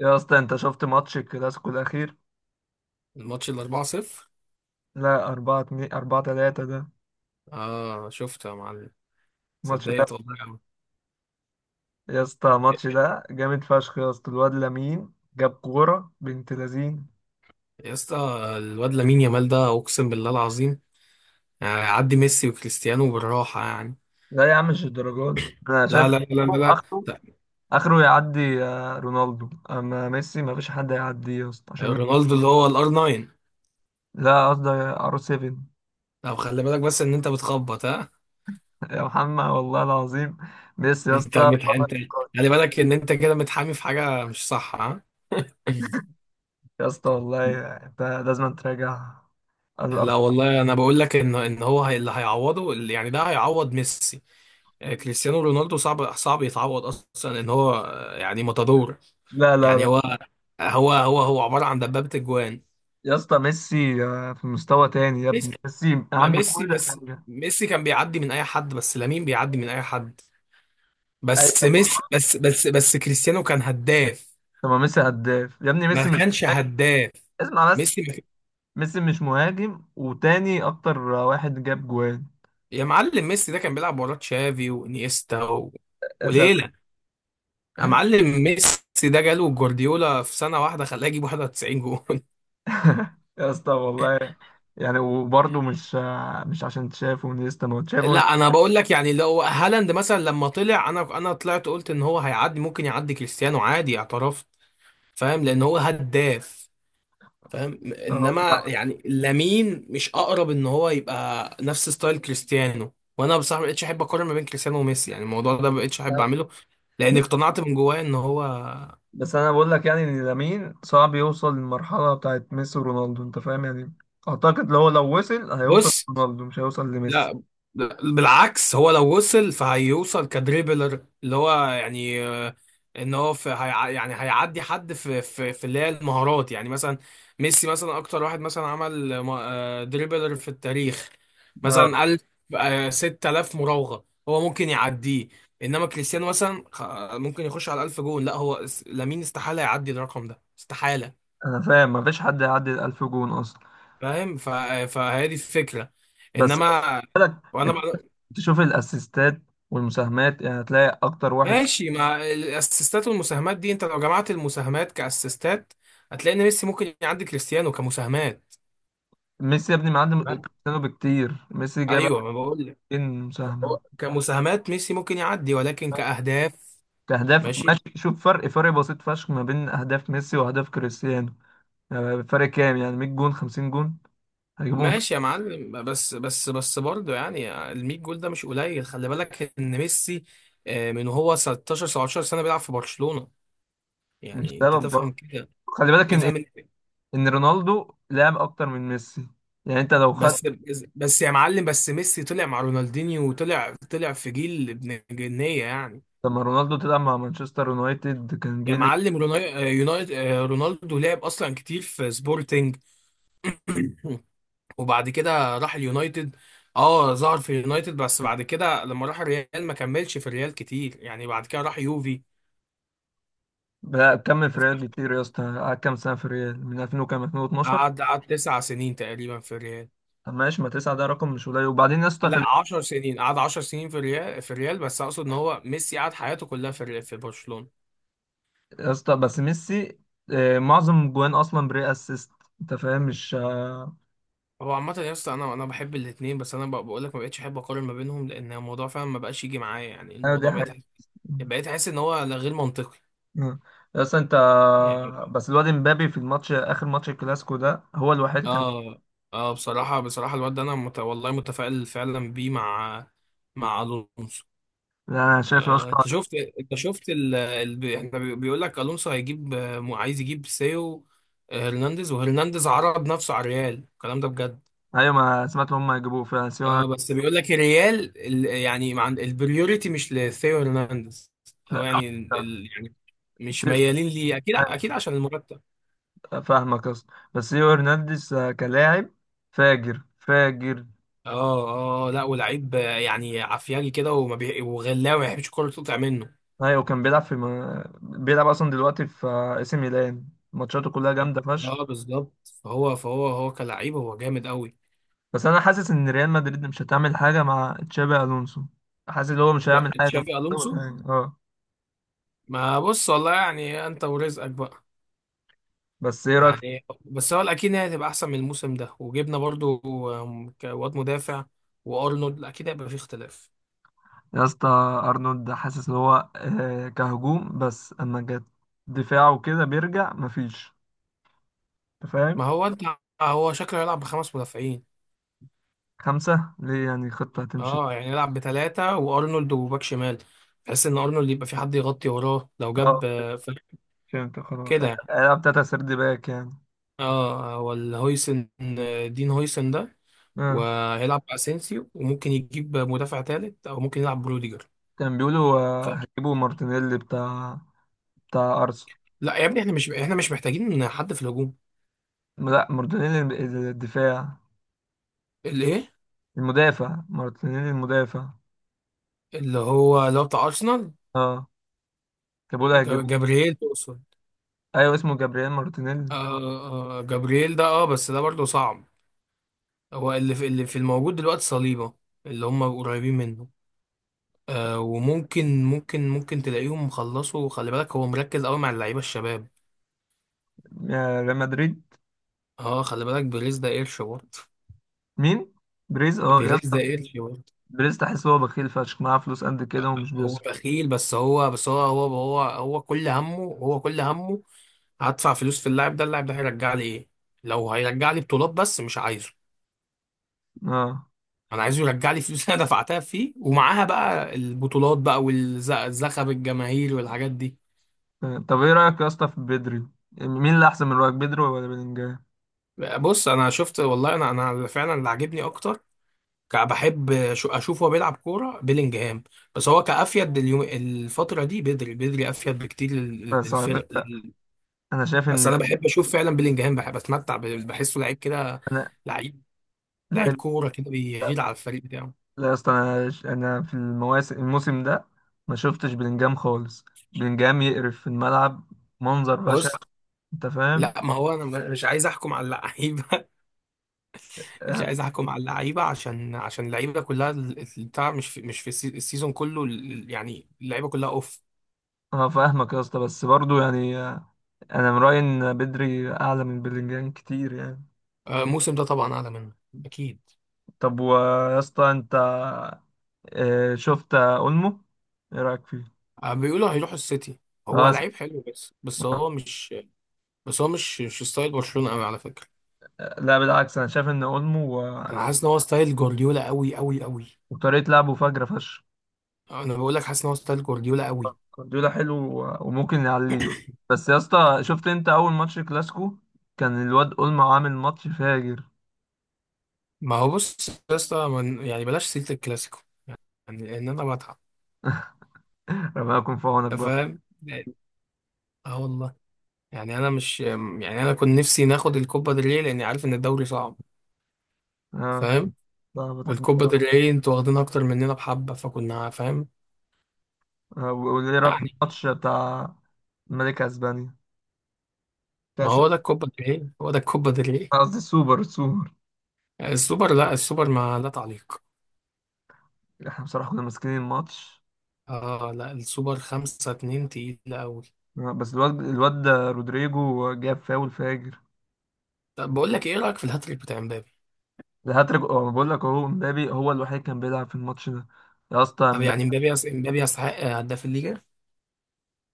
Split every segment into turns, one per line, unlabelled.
يا اسطى انت شفت ماتش الكلاسيكو الاخير؟
الماتش ال 4-0.
لا، 4 2 4 3 ده.
اه شفته يا معلم.
الماتش ده
صدقت والله أوي.
يا اسطى الماتش ده جامد فشخ. يا اسطى الواد لامين جاب كوره بنت لذين.
يا اسطى الواد لامين يامال ده اقسم بالله العظيم، يعني عدي ميسي وكريستيانو بالراحه يعني.
لا يا عم، مش الدرجات دي انا
لا
شايف.
لا لا لا لا,
اخره
لا.
اخره يعدي رونالدو. اما ميسي، ما فيش حد هيعديه يا اسطى عشان ميسي-
رونالدو اللي هو الار 9.
لا قصدي ار 7.
طب خلي بالك بس ان انت بتخبط ها.
يا محمد والله العظيم، ميسي يا اسطى بره
انت
النقاش.
خلي بالك ان انت كده متحامي في حاجه مش صح ها.
يا اسطى والله انت لازم تراجع الارض.
لا والله انا بقول لك ان هو اللي هيعوضه يعني ده هيعوض ميسي. كريستيانو رونالدو صعب صعب يتعوض اصلا، ان هو يعني ماتادور.
لا لا
يعني
لا.
هو عبارة عن دبابة اجوان.
يا اسطى ميسي في مستوى تاني يا ابني،
ميسي،
ميسي
ما
عنده
ميسي
كل
بس،
حاجه.
ميسي كان بيعدي من اي حد بس لامين بيعدي من اي حد.
اي
بس
طب،
ميسي بس بس بس كريستيانو كان هداف.
ما ميسي هداف يا ابني، ميسي
ما
مش
كانش
مهاجم.
هداف.
اسمع بس،
ميسي ما كان-
ميسي مش مهاجم، وتاني اكتر واحد جاب جوان.
يا معلم ميسي ده كان بيلعب وراه تشافي وانيستا و...
يا سلام.
وليلة. يا معلم ميسي ده جاله جوارديولا في سنة واحدة خلاه يجيب 91 جون.
يا اسطى والله، يعني وبرضه مش عشان تشافه ونيستا، ما هو تشافه.
لا انا بقول لك يعني لو هالاند مثلا لما طلع انا طلعت قلت ان هو هيعدي، ممكن يعدي كريستيانو عادي اعتراف. فاهم لان هو هداف. فاهم
اه،
انما
طبعا.
يعني لامين مش اقرب ان هو يبقى نفس ستايل كريستيانو، وانا بصراحه ما بقتش احب اقارن ما بين كريستيانو وميسي. يعني الموضوع ده ما بقتش احب اعمله لان اقتنعت من جوايا ان هو...
بس انا بقول لك يعني، ان لامين صعب يوصل للمرحله بتاعت ميسي ورونالدو، انت فاهم يعني. اعتقد لو وصل هيوصل
بص.
لرونالدو، مش هيوصل لميسي.
لا بالعكس، هو لو وصل فهيوصل كدريبلر اللي هو يعني ان هو يعني هيعدي حد في اللي هي المهارات. يعني مثلا ميسي مثلا اكتر واحد مثلا عمل دريبلر في التاريخ. مثلا
آه.
قال 6000 مراوغة هو ممكن يعديه. انما كريستيانو مثلا ممكن يخش على 1000 جون. لا هو اس- لامين استحالة يعدي الرقم ده، استحالة.
انا فاهم مفيش حد يعدي ال 1000 جون اصلا.
فاهم ف... فهي دي الفكرة.
بس
انما وانا
انت
بقى...
تشوف الاسيستات والمساهمات، يعني هتلاقي اكتر واحد.
ماشي. مع الاسيستات والمساهمات دي انت لو جمعت المساهمات كاسيستات هتلاقي ان ميسي ممكن يعدي كريستيانو كمساهمات.
ميسي يا ابني معدي كريستيانو بكتير. ميسي جاب
ايوه، ما بقول لك.
2000
هو
مساهمة.
كمساهمات ميسي ممكن يعدي، ولكن كاهداف
كأهداف
ماشي.
ماشي، شوف فرق بسيط فشخ ما بين أهداف ميسي وأهداف كريستيانو. يعني فرق كام، يعني 100 جون، 50 جون هيجيبهم في-
ماشي يا معلم، بس برضه يعني ال 100 جول ده مش قليل. خلي بالك ان ميسي من هو 16 17 سنه بيلعب في برشلونه،
مش
يعني انت
سبب
تفهم
برضه.
كده.
خلي بالك إن
افهم ال-
إن رونالدو لعب أكتر من ميسي. يعني أنت لو خدت.
بس بس يا معلم، بس ميسي طلع مع رونالدينيو وطلع في جيل ابن جنيه يعني.
لما رونالدو تلعب مع مانشستر يونايتد كان
يا
جيل.
معلم رونالدو لعب اصلا كتير في سبورتنج. وبعد كده راح اليونايتد. اه ظهر في اليونايتد، بس بعد كده لما راح الريال ما كملش في الريال كتير، يعني بعد كده راح يوفي.
لا، كمل في ريال كتير يا اسطى. قعد كام سنه في ريال، من 2000 وكام، 2012؟
قعد تسع سنين تقريبا في الريال.
طب ماشي، ما تسعه ده رقم مش قليل. وبعدين يا اسطى،
لا،
خلي...
عشر سنين. قعد عشر سنين في الريال، في الريال. بس اقصد ان هو ميسي قعد حياته كلها في الريال في برشلونة.
يا اسطى بس ميسي معظم جوان اصلا بري اسيست. انت فاهم، مش
هو عامة يا اسطى انا بحب الاثنين، بس انا بقول لك ما بقتش احب اقارن ما بينهم لان الموضوع فعلا ما بقاش يجي معايا. يعني
ايوه دي
الموضوع
حاجه.
بقيت احس ان هو لا، غير منطقي
آه. يا اسطى انت.
يعني.
بس الواد امبابي في الماتش، اخر ماتش الكلاسيكو ده هو الوحيد كان.
اه. اه بصراحة بصراحة الواد ده انا والله متفائل فعلا بيه، مع مع الونسو.
لا، انا شايف يا
آه
اسطى.
انت شفت. انت شفت احنا بيقول لك الونسو هيجيب عايز يجيب سيو هرنانديز، وهرنانديز عرض نفسه على الريال الكلام ده بجد.
ايوه ما سمعت، هم هيجيبوه فعلا سيو.
اه بس بيقول لك الريال يعني مع البريوريتي مش لثيو هرنانديز. اللي هو
لا،
يعني يعني مش
سيو-
ميالين ليه، اكيد اكيد عشان المرتب.
فاهمك يا اسطى، بس سيو هرنانديز كلاعب فاجر فاجر.
اه لا ولعيب يعني عفياجي كده وغلاوي ما يحبش الكوره تقطع منه.
ايوه كان بيلعب في م... بيلعب اصلا دلوقتي في اي سي ميلان. ماتشاته كلها جامده فشخ.
اه بالظبط. فهو هو كلعيب هو جامد قوي.
بس انا حاسس ان ريال مدريد مش هتعمل حاجه مع تشابي الونسو. حاسس ان هو مش
لا،
هيعمل حاجه،
تشافي الونسو
اه.
ما بص. والله يعني انت ورزقك بقى
بس ايه رايك
يعني، بس هو الاكيد هي هتبقى احسن من الموسم ده، وجبنا برضو واد مدافع. وارنولد اكيد هيبقى في اختلاف.
يا اسطى؟ ارنولد حاسس ان هو كهجوم بس، اما جت دفاعه كده بيرجع مفيش. انت
ما
فاهم.
هو انت، هو شكله يلعب بخمس مدافعين.
خمسه ليه؟ يعني خطه هتمشي.
اه يعني يلعب بثلاثة وارنولد وباك شمال، بحيث ان ارنولد يبقى في حد يغطي وراه لو
اه،
جاب فرق
فهمت خلاص.
كده يعني.
العب تلاته سيرد باك يعني.
اه، ولا هويسن، دين هويسن ده،
اه
وهيلعب باسينسيو، وممكن يجيب مدافع ثالث او ممكن يلعب بروديجر.
كان بيقولوا
ف-
هيجيبوا مارتينيلي بتاع ارسنال.
لا يا ابني، احنا مش، احنا مش محتاجين حد في الهجوم.
لا، مارتينيلي الم- الدفاع،
اللي ايه.
المدافع مارتينيلي المدافع.
اللي هو بتاع ارسنال.
اه جابوا له، هيجيبوه.
جابرييل تقصد.
ايوه اسمه جابرييل مارتينيلي.
آه. آه جابرييل ده، اه بس ده برضه صعب. هو اللي في، اللي في الموجود دلوقتي صليبه، اللي هم قريبين منه. آه، وممكن ممكن ممكن تلاقيهم خلصوا. خلي بالك هو مركز قوي مع اللعيبه الشباب.
يا ريال مدريد.
اه خلي بالك بيريز ده قرش برضه.
مين؟ بريز، اه يا
بيريز
اسطى.
ده قرش برضه.
بريز تحس هو بخيل فشخ، معاه فلوس قد كده
لا،
ومش
هو
بيصرف.
بخيل، بس هو كل همه، هدفع فلوس في اللاعب ده، اللاعب ده هيرجع لي ايه؟ لو هيرجع لي بطولات بس، مش عايزه.
اه.
انا عايزه يرجع لي فلوس. انا دفعتها فيه ومعاها بقى البطولات بقى والزخب الجماهير والحاجات دي.
آه. طب ايه رايك يا اسطى في بدري؟ مين اللي احسن من رايك، بدري ولا بلينجهام؟
بص انا شفت والله، انا فعلا اللي عاجبني اكتر بحب اشوفه هو بيلعب كوره بيلينجهام. بس هو كافيد اليوم الفتره دي بدري. بدري افيد بكتير
بس على
للفرق.
فكره، انا شايف
بس
ان
انا بحب اشوف فعلا بيلينجهام، بحب اتمتع بحسه لعيب كده،
انا
لعيب لعيب
لاعب.
كوره كده بيغير على الفريق بتاعه.
لا يا اسطى، انا في الموسم ده ما شفتش بلينجهام خالص. بلينجهام يقرف في الملعب، منظر بشع.
بص،
انت فاهم.
لا ما هو انا مش عايز احكم على اللعيبه. مش
انا
عايز احكم على اللعيبه عشان اللعيبه كلها بتاع مش في، مش في السيزون كله يعني اللعيبه كلها اوف.
فاهمك يا اسطى، بس برضو يعني، انا من رايي ان بدري اعلى من بلينجهام كتير يعني.
الموسم ده طبعا اعلى منه، اكيد.
طب ويا اسطى انت شفت اولمو؟ ايه رايك فيه؟
بيقولوا هيروحوا السيتي. هو
اه س-
لعيب حلو بس، بس هو مش مش ستايل برشلونه قوي على فكره.
لا بالعكس، انا شايف ان اولمو
انا حاسس ان هو ستايل جوارديولا قوي قوي قوي.
وطريقه لعبه فجره فشخ.
انا بقول لك، حاسس ان هو ستايل جوارديولا قوي.
جوارديولا حلو، و- وممكن يعليه. بس يا اسطى، شفت انت اول ماتش كلاسيكو كان الواد اولمو عامل ماتش فاجر.
ما هو بص يا اسطى يعني بلاش سيره الكلاسيكو يعني، لان انا بتعب.
ربنا يكون في عونك
أنت
برضه.
فاهم. اه والله، يعني انا مش، يعني انا كنت نفسي ناخد الكوبا ديل ري لاني عارف ان الدوري صعب.
اه،
فاهم.
فاهمك.
والكوبا ديل ري انتوا واخدينها اكتر مننا بحبه، فكنا فاهم
وايه رايك في
يعني.
الماتش بتاع ملك اسبانيا،
ما
كاس؟
هو ده الكوبا ديل ري، هو ده الكوبا ديل ري.
أنا قصدي السوبر، السوبر.
السوبر؟ لا السوبر ما لا تعليق.
احنا بصراحة كنا ماسكين الماتش.
اه لا السوبر خمسة اتنين تقيلة أوي.
بس الواد ده رودريجو جاب فاول فاجر.
طب بقول لك ايه رأيك في الهاتريك بتاع امبابي؟
الهاتريك، اه أنا بقول لك اهو امبابي هو الوحيد كان بيلعب في الماتش ده. يا اسطى
طب
امبابي.
يعني امبابي امبابي يستحق هداف الليجا.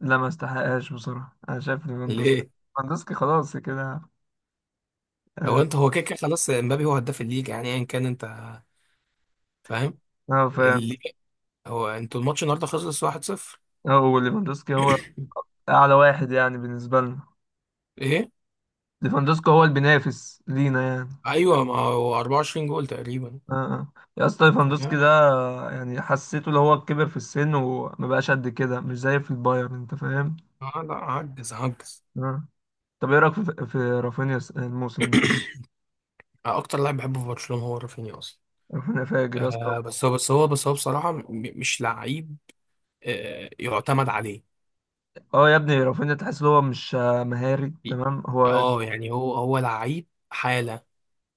لا، ما استحقهاش بصراحة، انا شايف ليفاندوسكي.
ليه؟
ليفاندوسكي خلاص كده.
هو
اه،
انت هو كده كده خلاص، امبابي هو هداف الليجا يعني ايا كان، انت فاهم، لان
فاهم.
الليجا. هو انتوا الماتش النهارده خلص 1-0؟
هو ليفاندوسكي هو اعلى واحد يعني بالنسبة لنا.
ايه؟
ليفاندوسكي هو اللي بينافس لينا يعني.
ايوه ما هو 24 جول تقريبا.
اه. آه. يا اسطى، ليفاندوسكي
فاهم.
ده يعني حسيته اللي هو كبر في السن وما بقاش قد كده، مش زي في البايرن. انت فاهم.
آه لا، عجز عجز.
آه. طب ايه رايك في رافينيا الموسم ده؟
اكتر لاعب بحبه في برشلونة هو رافينيا اصلا.
رافينيا فاجر يا اسطى.
آه بس هو بصراحة مش لعيب آه يعتمد عليه.
اه يا ابني، رافينيا تحس ان هو مش مهاري تمام هو.
اه يعني هو لعيب حالة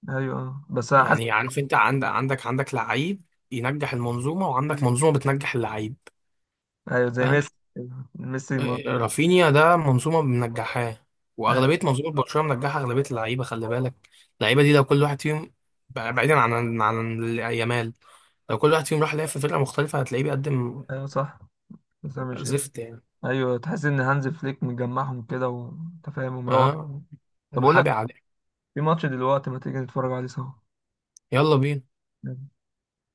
ايوه، اه. بس انا حاسس.
يعني. عارف انت عندك لعيب ينجح المنظومة، وعندك منظومة بتنجح اللعيب.
ايوه زي
فاهم؟
ميسي. ميسي ما...
رافينيا ده منظومة منجحاه.
ايوه.
وأغلبية منظومة، آه. برشلونة منجحة أغلبية اللعيبة، خلي بالك اللعيبة دي لو كل واحد فيهم، بعيدا عن يامال، لو كل واحد فيهم راح لعب في فرقة مختلفة، هتلاقيه بيقدم
أيوة صح. بس انا مش.
زفت يعني.
ايوه، تحس ان هانز فليك مجمعهم كده وانت فاهم، ومروح.
اه
طب اقول لك،
محابي عليه.
في ماتش دلوقتي، ما تيجي نتفرج عليه سوا؟
يلا بينا.